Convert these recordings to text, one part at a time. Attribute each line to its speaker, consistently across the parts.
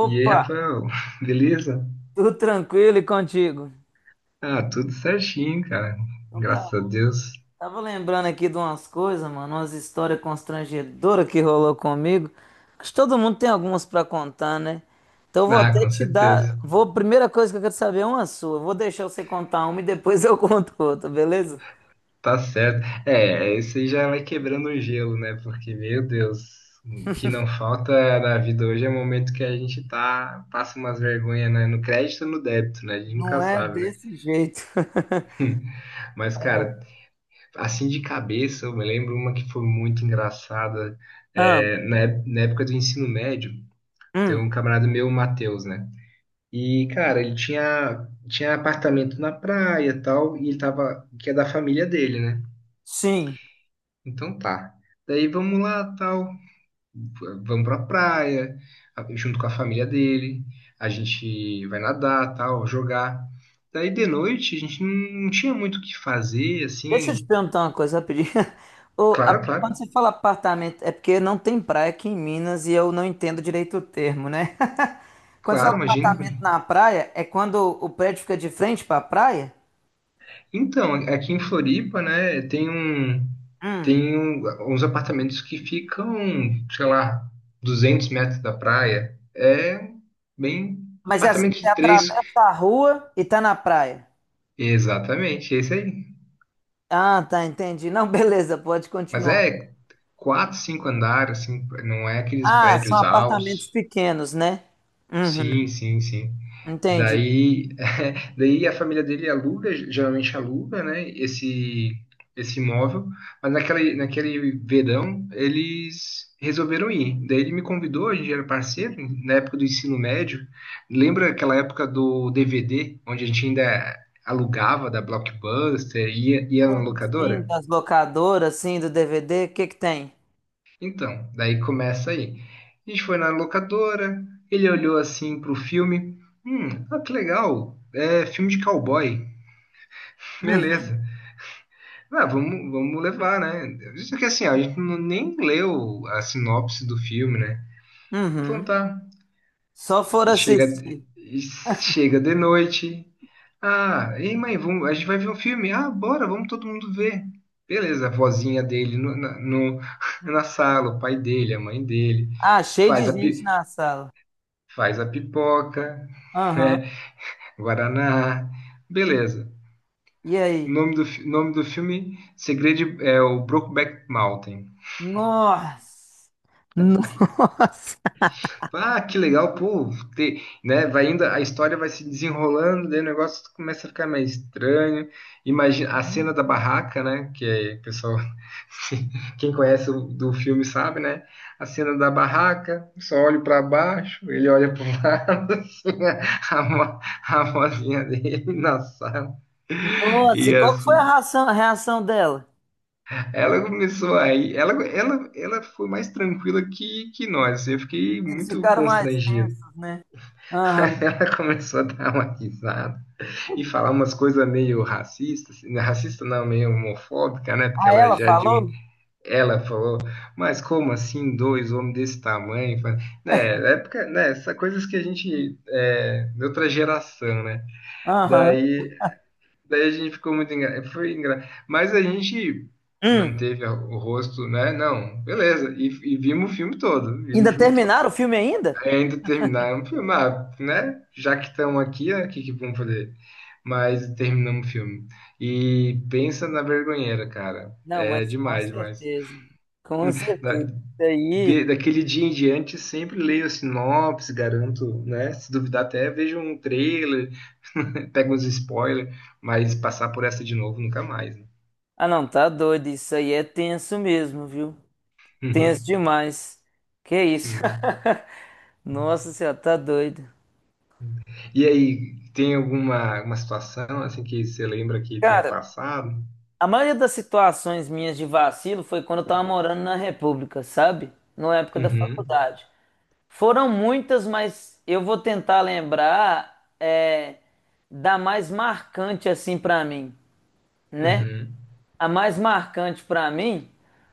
Speaker 1: E aí, Rafael, beleza?
Speaker 2: tudo tranquilo e contigo?
Speaker 1: Ah, tudo certinho, cara.
Speaker 2: Então tá,
Speaker 1: Graças a
Speaker 2: bom.
Speaker 1: Deus.
Speaker 2: Tava lembrando aqui de umas coisas, mano, umas histórias constrangedoras que rolou comigo. Acho que todo mundo tem algumas pra contar, né? Então eu vou
Speaker 1: Ah,
Speaker 2: até
Speaker 1: com
Speaker 2: te
Speaker 1: certeza.
Speaker 2: dar, vou, primeira coisa que eu quero saber é uma sua. Vou deixar você contar uma e depois eu conto outra, beleza?
Speaker 1: Tá certo. É, isso aí já vai quebrando o gelo, né? Porque, meu Deus, o que não falta na vida hoje é o momento que a gente tá, passa umas vergonhas, né? No crédito ou no débito, né? A gente
Speaker 2: Não
Speaker 1: nunca
Speaker 2: é
Speaker 1: sabe, né?
Speaker 2: desse jeito.
Speaker 1: Mas, cara, assim de cabeça, eu me lembro uma que foi muito engraçada.
Speaker 2: Ah,
Speaker 1: É, na época do ensino médio, tem
Speaker 2: hum,
Speaker 1: um camarada meu, o Matheus, né? E, cara, ele tinha apartamento na praia e tal, e ele tava, que é da família dele, né?
Speaker 2: sim.
Speaker 1: Então tá. Daí vamos lá, tal, vamos pra praia, junto com a família dele, a gente vai nadar, tal, jogar. Daí de noite a gente não tinha muito o que fazer,
Speaker 2: Deixa eu
Speaker 1: assim,
Speaker 2: te perguntar uma coisa rapidinho.
Speaker 1: claro,
Speaker 2: Quando
Speaker 1: claro,
Speaker 2: você fala apartamento, é porque não tem praia aqui em Minas e eu não entendo direito o termo, né? Quando você fala
Speaker 1: claro, imagina.
Speaker 2: apartamento na praia, é quando o prédio fica de frente para a praia?
Speaker 1: Então, aqui em Floripa, né, uns apartamentos que ficam, sei lá, 200 metros da praia. É bem
Speaker 2: Mas é assim,
Speaker 1: apartamento
Speaker 2: você
Speaker 1: de três.
Speaker 2: atravessa a rua e tá na praia.
Speaker 1: Exatamente, esse aí.
Speaker 2: Ah, tá, entendi. Não, beleza, pode
Speaker 1: Mas
Speaker 2: continuar.
Speaker 1: é quatro, cinco andares, assim, não é aqueles
Speaker 2: Ah, são
Speaker 1: prédios
Speaker 2: apartamentos
Speaker 1: altos.
Speaker 2: pequenos, né? Uhum,
Speaker 1: Sim, sim, sim.
Speaker 2: entendi.
Speaker 1: Daí Daí a família dele aluga, geralmente aluga, né, esse imóvel, mas naquele verão eles resolveram ir. Daí ele me convidou, a gente era parceiro, na época do ensino médio. Lembra aquela época do DVD, onde a gente ainda alugava da Blockbuster, ia na
Speaker 2: Sim,
Speaker 1: locadora?
Speaker 2: das locadoras, sim, do DVD, o que que tem?
Speaker 1: Então, daí começa aí. A gente foi na locadora, ele olhou assim pro filme, ah, que legal, é filme de cowboy,
Speaker 2: Uhum.
Speaker 1: beleza. Ah, vamos levar, né? Isso que assim, a gente não, nem leu a sinopse do filme, né? Então
Speaker 2: Uhum.
Speaker 1: tá.
Speaker 2: Só for
Speaker 1: E
Speaker 2: assistir.
Speaker 1: chega de noite. Ah, ei mãe, vamos, a gente vai ver um filme. Ah, bora, vamos todo mundo ver. Beleza, a vozinha dele no, na, no- na sala, o pai dele, a mãe dele.
Speaker 2: Ah, cheio de
Speaker 1: Faz a,
Speaker 2: gente
Speaker 1: pi-
Speaker 2: na sala.
Speaker 1: faz a pipoca,
Speaker 2: Aham.
Speaker 1: né? Guaraná. Beleza.
Speaker 2: E
Speaker 1: O
Speaker 2: aí?
Speaker 1: nome do, fi- nome do filme Segredo é o Brokeback Mountain.
Speaker 2: Nossa! Nossa!
Speaker 1: Ah, que legal, pô, ter, né? Vai indo, a história vai se desenrolando, daí o negócio começa a ficar mais estranho. Imagina a cena da barraca, né? Que é, o pessoal, quem conhece do filme sabe, né? A cena da barraca, só olho para baixo, ele olha para o lado, assim, né, a, mo- a mozinha dele na sala.
Speaker 2: Nossa,
Speaker 1: E
Speaker 2: qual que foi a
Speaker 1: assim,
Speaker 2: reação, dela?
Speaker 1: ela começou aí, ela foi mais tranquila que nós. Assim, eu fiquei
Speaker 2: Vocês
Speaker 1: muito
Speaker 2: ficaram mais
Speaker 1: constrangido.
Speaker 2: tensos, né? Aham.
Speaker 1: Aí, ela começou a dar uma risada e falar umas coisas meio racistas, assim, né? Racista não, meio homofóbica, né? Porque
Speaker 2: Ah,
Speaker 1: ela
Speaker 2: ela
Speaker 1: já é.
Speaker 2: falou?
Speaker 1: Ela falou, mas como assim dois homens desse tamanho? Né, na época, né? Essas coisas que a gente é, de outra geração, né?
Speaker 2: Aham.
Speaker 1: Daí, daí a gente ficou muito foi mas a gente
Speaker 2: Hum.
Speaker 1: manteve o rosto, né? Não, beleza. E vimos o filme todo, vimos
Speaker 2: Ainda
Speaker 1: o filme todo.
Speaker 2: terminaram o filme ainda?
Speaker 1: É ainda terminar um filme, ah, né? Já que estão aqui, né? O que que vamos fazer? Mas terminamos o filme. E pensa na vergonheira, cara.
Speaker 2: Não,
Speaker 1: É
Speaker 2: mas com
Speaker 1: demais, demais.
Speaker 2: certeza. Com
Speaker 1: Da,
Speaker 2: certeza. Isso aí.
Speaker 1: daquele dia em diante, sempre leio a sinopse, garanto, né? Se duvidar até, vejo um trailer, pego uns spoilers, mas passar por essa de novo nunca mais, né?
Speaker 2: Ah, não, tá doido. Isso aí é tenso mesmo, viu? Tenso demais. Que isso?
Speaker 1: Hum.
Speaker 2: Nossa senhora, tá doido.
Speaker 1: E aí, tem alguma situação assim que você lembra que tenha
Speaker 2: Cara,
Speaker 1: passado?
Speaker 2: a maioria das situações minhas de vacilo foi quando eu tava morando na República, sabe? Na época da
Speaker 1: Uhum,
Speaker 2: faculdade. Foram muitas, mas eu vou tentar lembrar é, da mais marcante assim pra mim, né?
Speaker 1: uhum.
Speaker 2: A mais marcante pra mim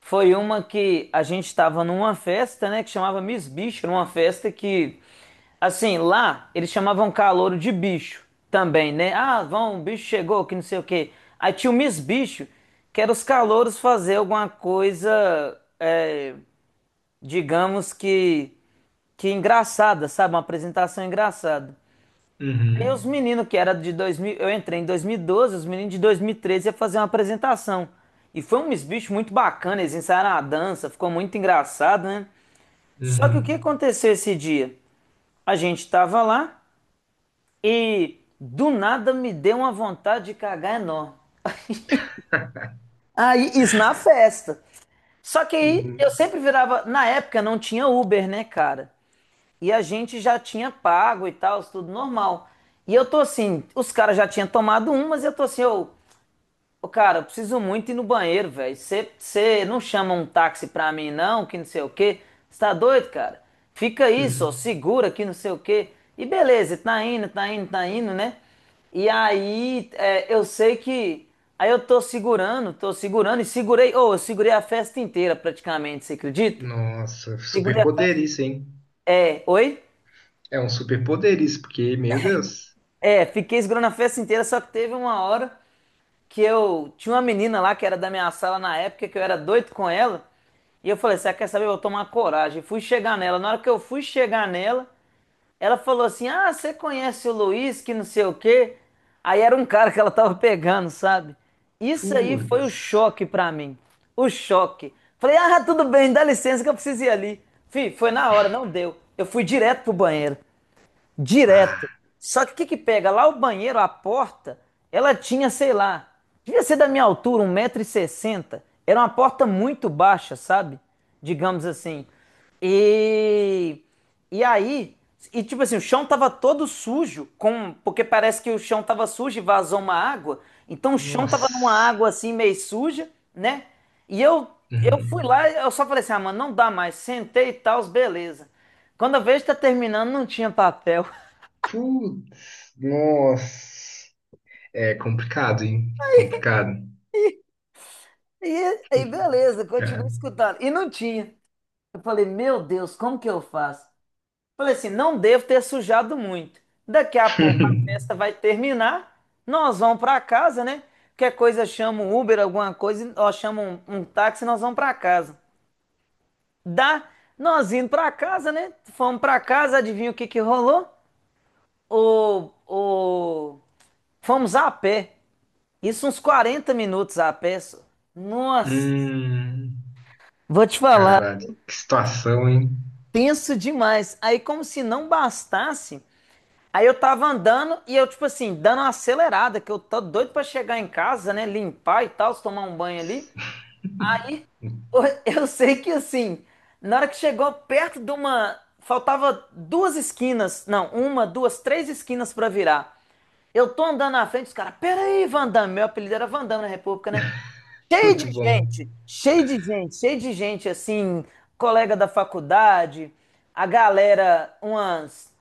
Speaker 2: foi uma que a gente estava numa festa, né, que chamava Miss Bicho, numa festa que assim, lá eles chamavam calouro de bicho também, né? Ah, vão, o bicho chegou, que não sei o quê. Aí tinha o Miss Bicho, que era os calouros fazer alguma coisa, é, digamos que engraçada, sabe? Uma apresentação engraçada. Aí os
Speaker 1: Uhum.
Speaker 2: meninos que era de 2000, eu entrei em 2012, os meninos de 2013 ia fazer uma apresentação. E foi um bicho muito bacana, eles ensaiaram a dança, ficou muito engraçado, né? Só que o
Speaker 1: Uhum.
Speaker 2: que aconteceu esse dia? A gente tava lá e do nada me deu uma vontade de cagar enorme. Aí, isso na festa. Só que aí eu
Speaker 1: Uhum.
Speaker 2: sempre virava, na época não tinha Uber, né, cara? E a gente já tinha pago e tal, tudo normal. E eu tô assim, os caras já tinham tomado um, mas eu tô assim, eu: Ô, cara, eu preciso muito ir no banheiro, velho. Você não chama um táxi pra mim, não, que não sei o quê. Você tá doido, cara? Fica aí,
Speaker 1: Hum.
Speaker 2: só segura que não sei o quê. E beleza, tá indo, tá indo, tá indo, né? E aí, é, eu sei que. Aí eu tô segurando e segurei. Ô, eu segurei a festa inteira praticamente, você acredita?
Speaker 1: Nossa,
Speaker 2: Segurei a festa.
Speaker 1: superpoder isso, hein?
Speaker 2: É, oi?
Speaker 1: É um superpoder isso, porque, meu Deus.
Speaker 2: É, fiquei segurando a festa inteira, só que teve uma hora, que eu tinha uma menina lá que era da minha sala na época que eu era doido com ela. E eu falei, você quer saber? Eu vou tomar coragem. Fui chegar nela. Na hora que eu fui chegar nela, ela falou assim: Ah, você conhece o Luiz, que não sei o quê. Aí era um cara que ela tava pegando, sabe? Isso aí foi o
Speaker 1: Putz.
Speaker 2: choque pra mim. O choque. Falei, ah, tudo bem, dá licença que eu preciso ir ali. Fih, foi na hora, não deu. Eu fui direto pro banheiro direto.
Speaker 1: Pá.
Speaker 2: Só que o que que pega? Lá o banheiro, a porta, ela tinha, sei lá, devia ser da minha altura, 1,60 m. Era uma porta muito baixa, sabe? Digamos assim. E, e aí, e tipo assim, o chão tava todo sujo, com, porque parece que o chão tava sujo e vazou uma água. Então o chão tava numa
Speaker 1: Nossa.
Speaker 2: água assim meio suja, né? E eu eu
Speaker 1: Uhum.
Speaker 2: fui lá, eu só falei assim: "Ah, mano, não dá mais". Sentei e tal, beleza. Quando eu vejo que tá terminando, não tinha papel.
Speaker 1: Putz. Nossa. É complicado, hein? Complicado.
Speaker 2: E aí, beleza, continuei
Speaker 1: Cara.
Speaker 2: escutando. E não tinha. Eu falei, meu Deus, como que eu faço? Falei assim, não devo ter sujado muito. Daqui a pouco a festa vai terminar, nós vamos para casa, né? Qualquer coisa chama um Uber, alguma coisa, ó, chama um, um táxi, e nós vamos para casa. Dá, nós indo para casa, né? Fomos para casa, adivinha o que que rolou? O... Fomos a pé. Isso uns 40 minutos a pé. Só. Nossa,
Speaker 1: Hum.
Speaker 2: vou te falar.
Speaker 1: Cara, que situação, hein?
Speaker 2: Tenso demais. Aí, como se não bastasse, aí eu tava andando e eu, tipo assim, dando uma acelerada, que eu tô doido pra chegar em casa, né? Limpar e tal, tomar um banho ali. Aí eu sei que assim, na hora que chegou perto de uma. Faltava duas esquinas, não, uma, duas, três esquinas pra virar. Eu tô andando na frente, os caras, peraí, Van Damme, meu apelido era Van Damme na República, né? Cheio de
Speaker 1: Muito bom.
Speaker 2: gente, cheio de gente, cheio de gente, assim, colega da faculdade, a galera, umas,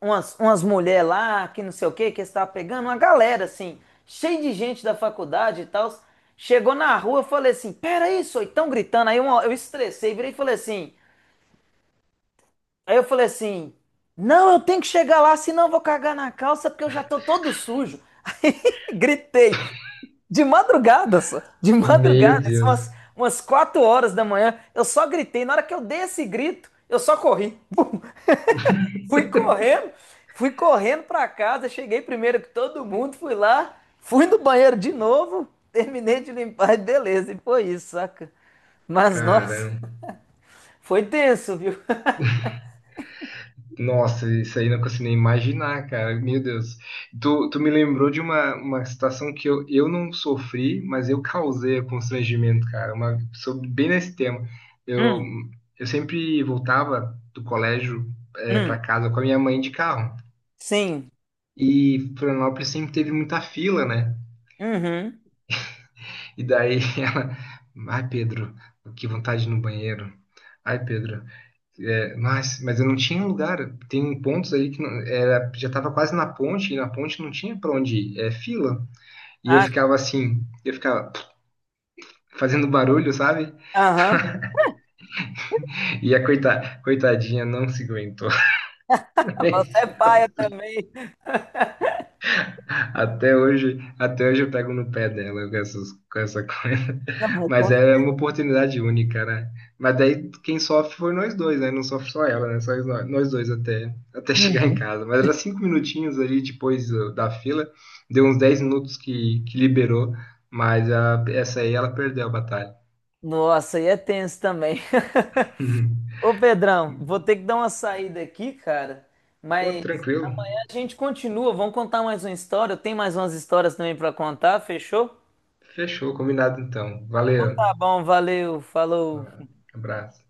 Speaker 2: umas mulheres lá, que não sei o que, que estava pegando, uma galera, assim, cheio de gente da faculdade e tal. Chegou na rua, eu falei assim, peraí, só estão gritando. Aí uma- eu estressei, virei e falei assim, aí eu falei assim, não, eu tenho que chegar lá, senão eu vou cagar na calça, porque eu já tô todo sujo. Aí gritei. De madrugada, só. De
Speaker 1: Meu
Speaker 2: madrugada, são umas,
Speaker 1: Deus.
Speaker 2: 4 horas da manhã. Eu só gritei. Na hora que eu dei esse grito, eu só corri. Fui correndo, fui correndo pra casa. Cheguei primeiro que todo mundo, fui lá, fui no banheiro de novo, terminei de limpar e beleza. E foi isso, saca? Mas
Speaker 1: Caramba.
Speaker 2: nossa, foi tenso, viu?
Speaker 1: Nossa, isso aí eu não consigo nem imaginar, cara. Meu Deus. Tu me lembrou de uma situação que eu não sofri, mas eu causei o constrangimento, cara. Uma, sobre, bem nesse tema. Eu,
Speaker 2: Hum,
Speaker 1: eu sempre voltava do colégio para
Speaker 2: hum,
Speaker 1: casa com a minha mãe de carro.
Speaker 2: sim.
Speaker 1: E Florianópolis sempre teve muita fila, né?
Speaker 2: Uhum.
Speaker 1: E daí ela. Ai, Pedro, que vontade no banheiro. Ai, Pedro. É, mas eu não tinha um lugar. Tem pontos aí que não- era, já estava quase na ponte, e na ponte não tinha para onde ir, é fila. E eu
Speaker 2: Ah,
Speaker 1: ficava assim, eu ficava fazendo barulho, sabe?
Speaker 2: aham.
Speaker 1: E a coitadinha não se aguentou.
Speaker 2: Você é paia também.
Speaker 1: Até hoje eu pego no pé dela com essa coisa.
Speaker 2: Não,
Speaker 1: Mas
Speaker 2: mas-
Speaker 1: é uma oportunidade única, né? Mas daí quem sofre foi nós dois, né? Não sofre só ela, né? Só nós dois até chegar em
Speaker 2: Uhum.
Speaker 1: casa. Mas era 5 minutinhos ali depois da fila, deu uns 10 minutos que liberou, mas essa aí ela perdeu a batalha.
Speaker 2: Nossa, e é tenso também. Ô Pedrão, vou ter que dar uma saída aqui, cara.
Speaker 1: Pô,
Speaker 2: Mas
Speaker 1: tranquilo.
Speaker 2: a gente continua, vamos contar mais uma história. Eu tenho mais umas histórias também pra contar, fechou?
Speaker 1: Fechou, combinado então.
Speaker 2: Então
Speaker 1: Valeu.
Speaker 2: tá bom, valeu, falou.
Speaker 1: Um abraço.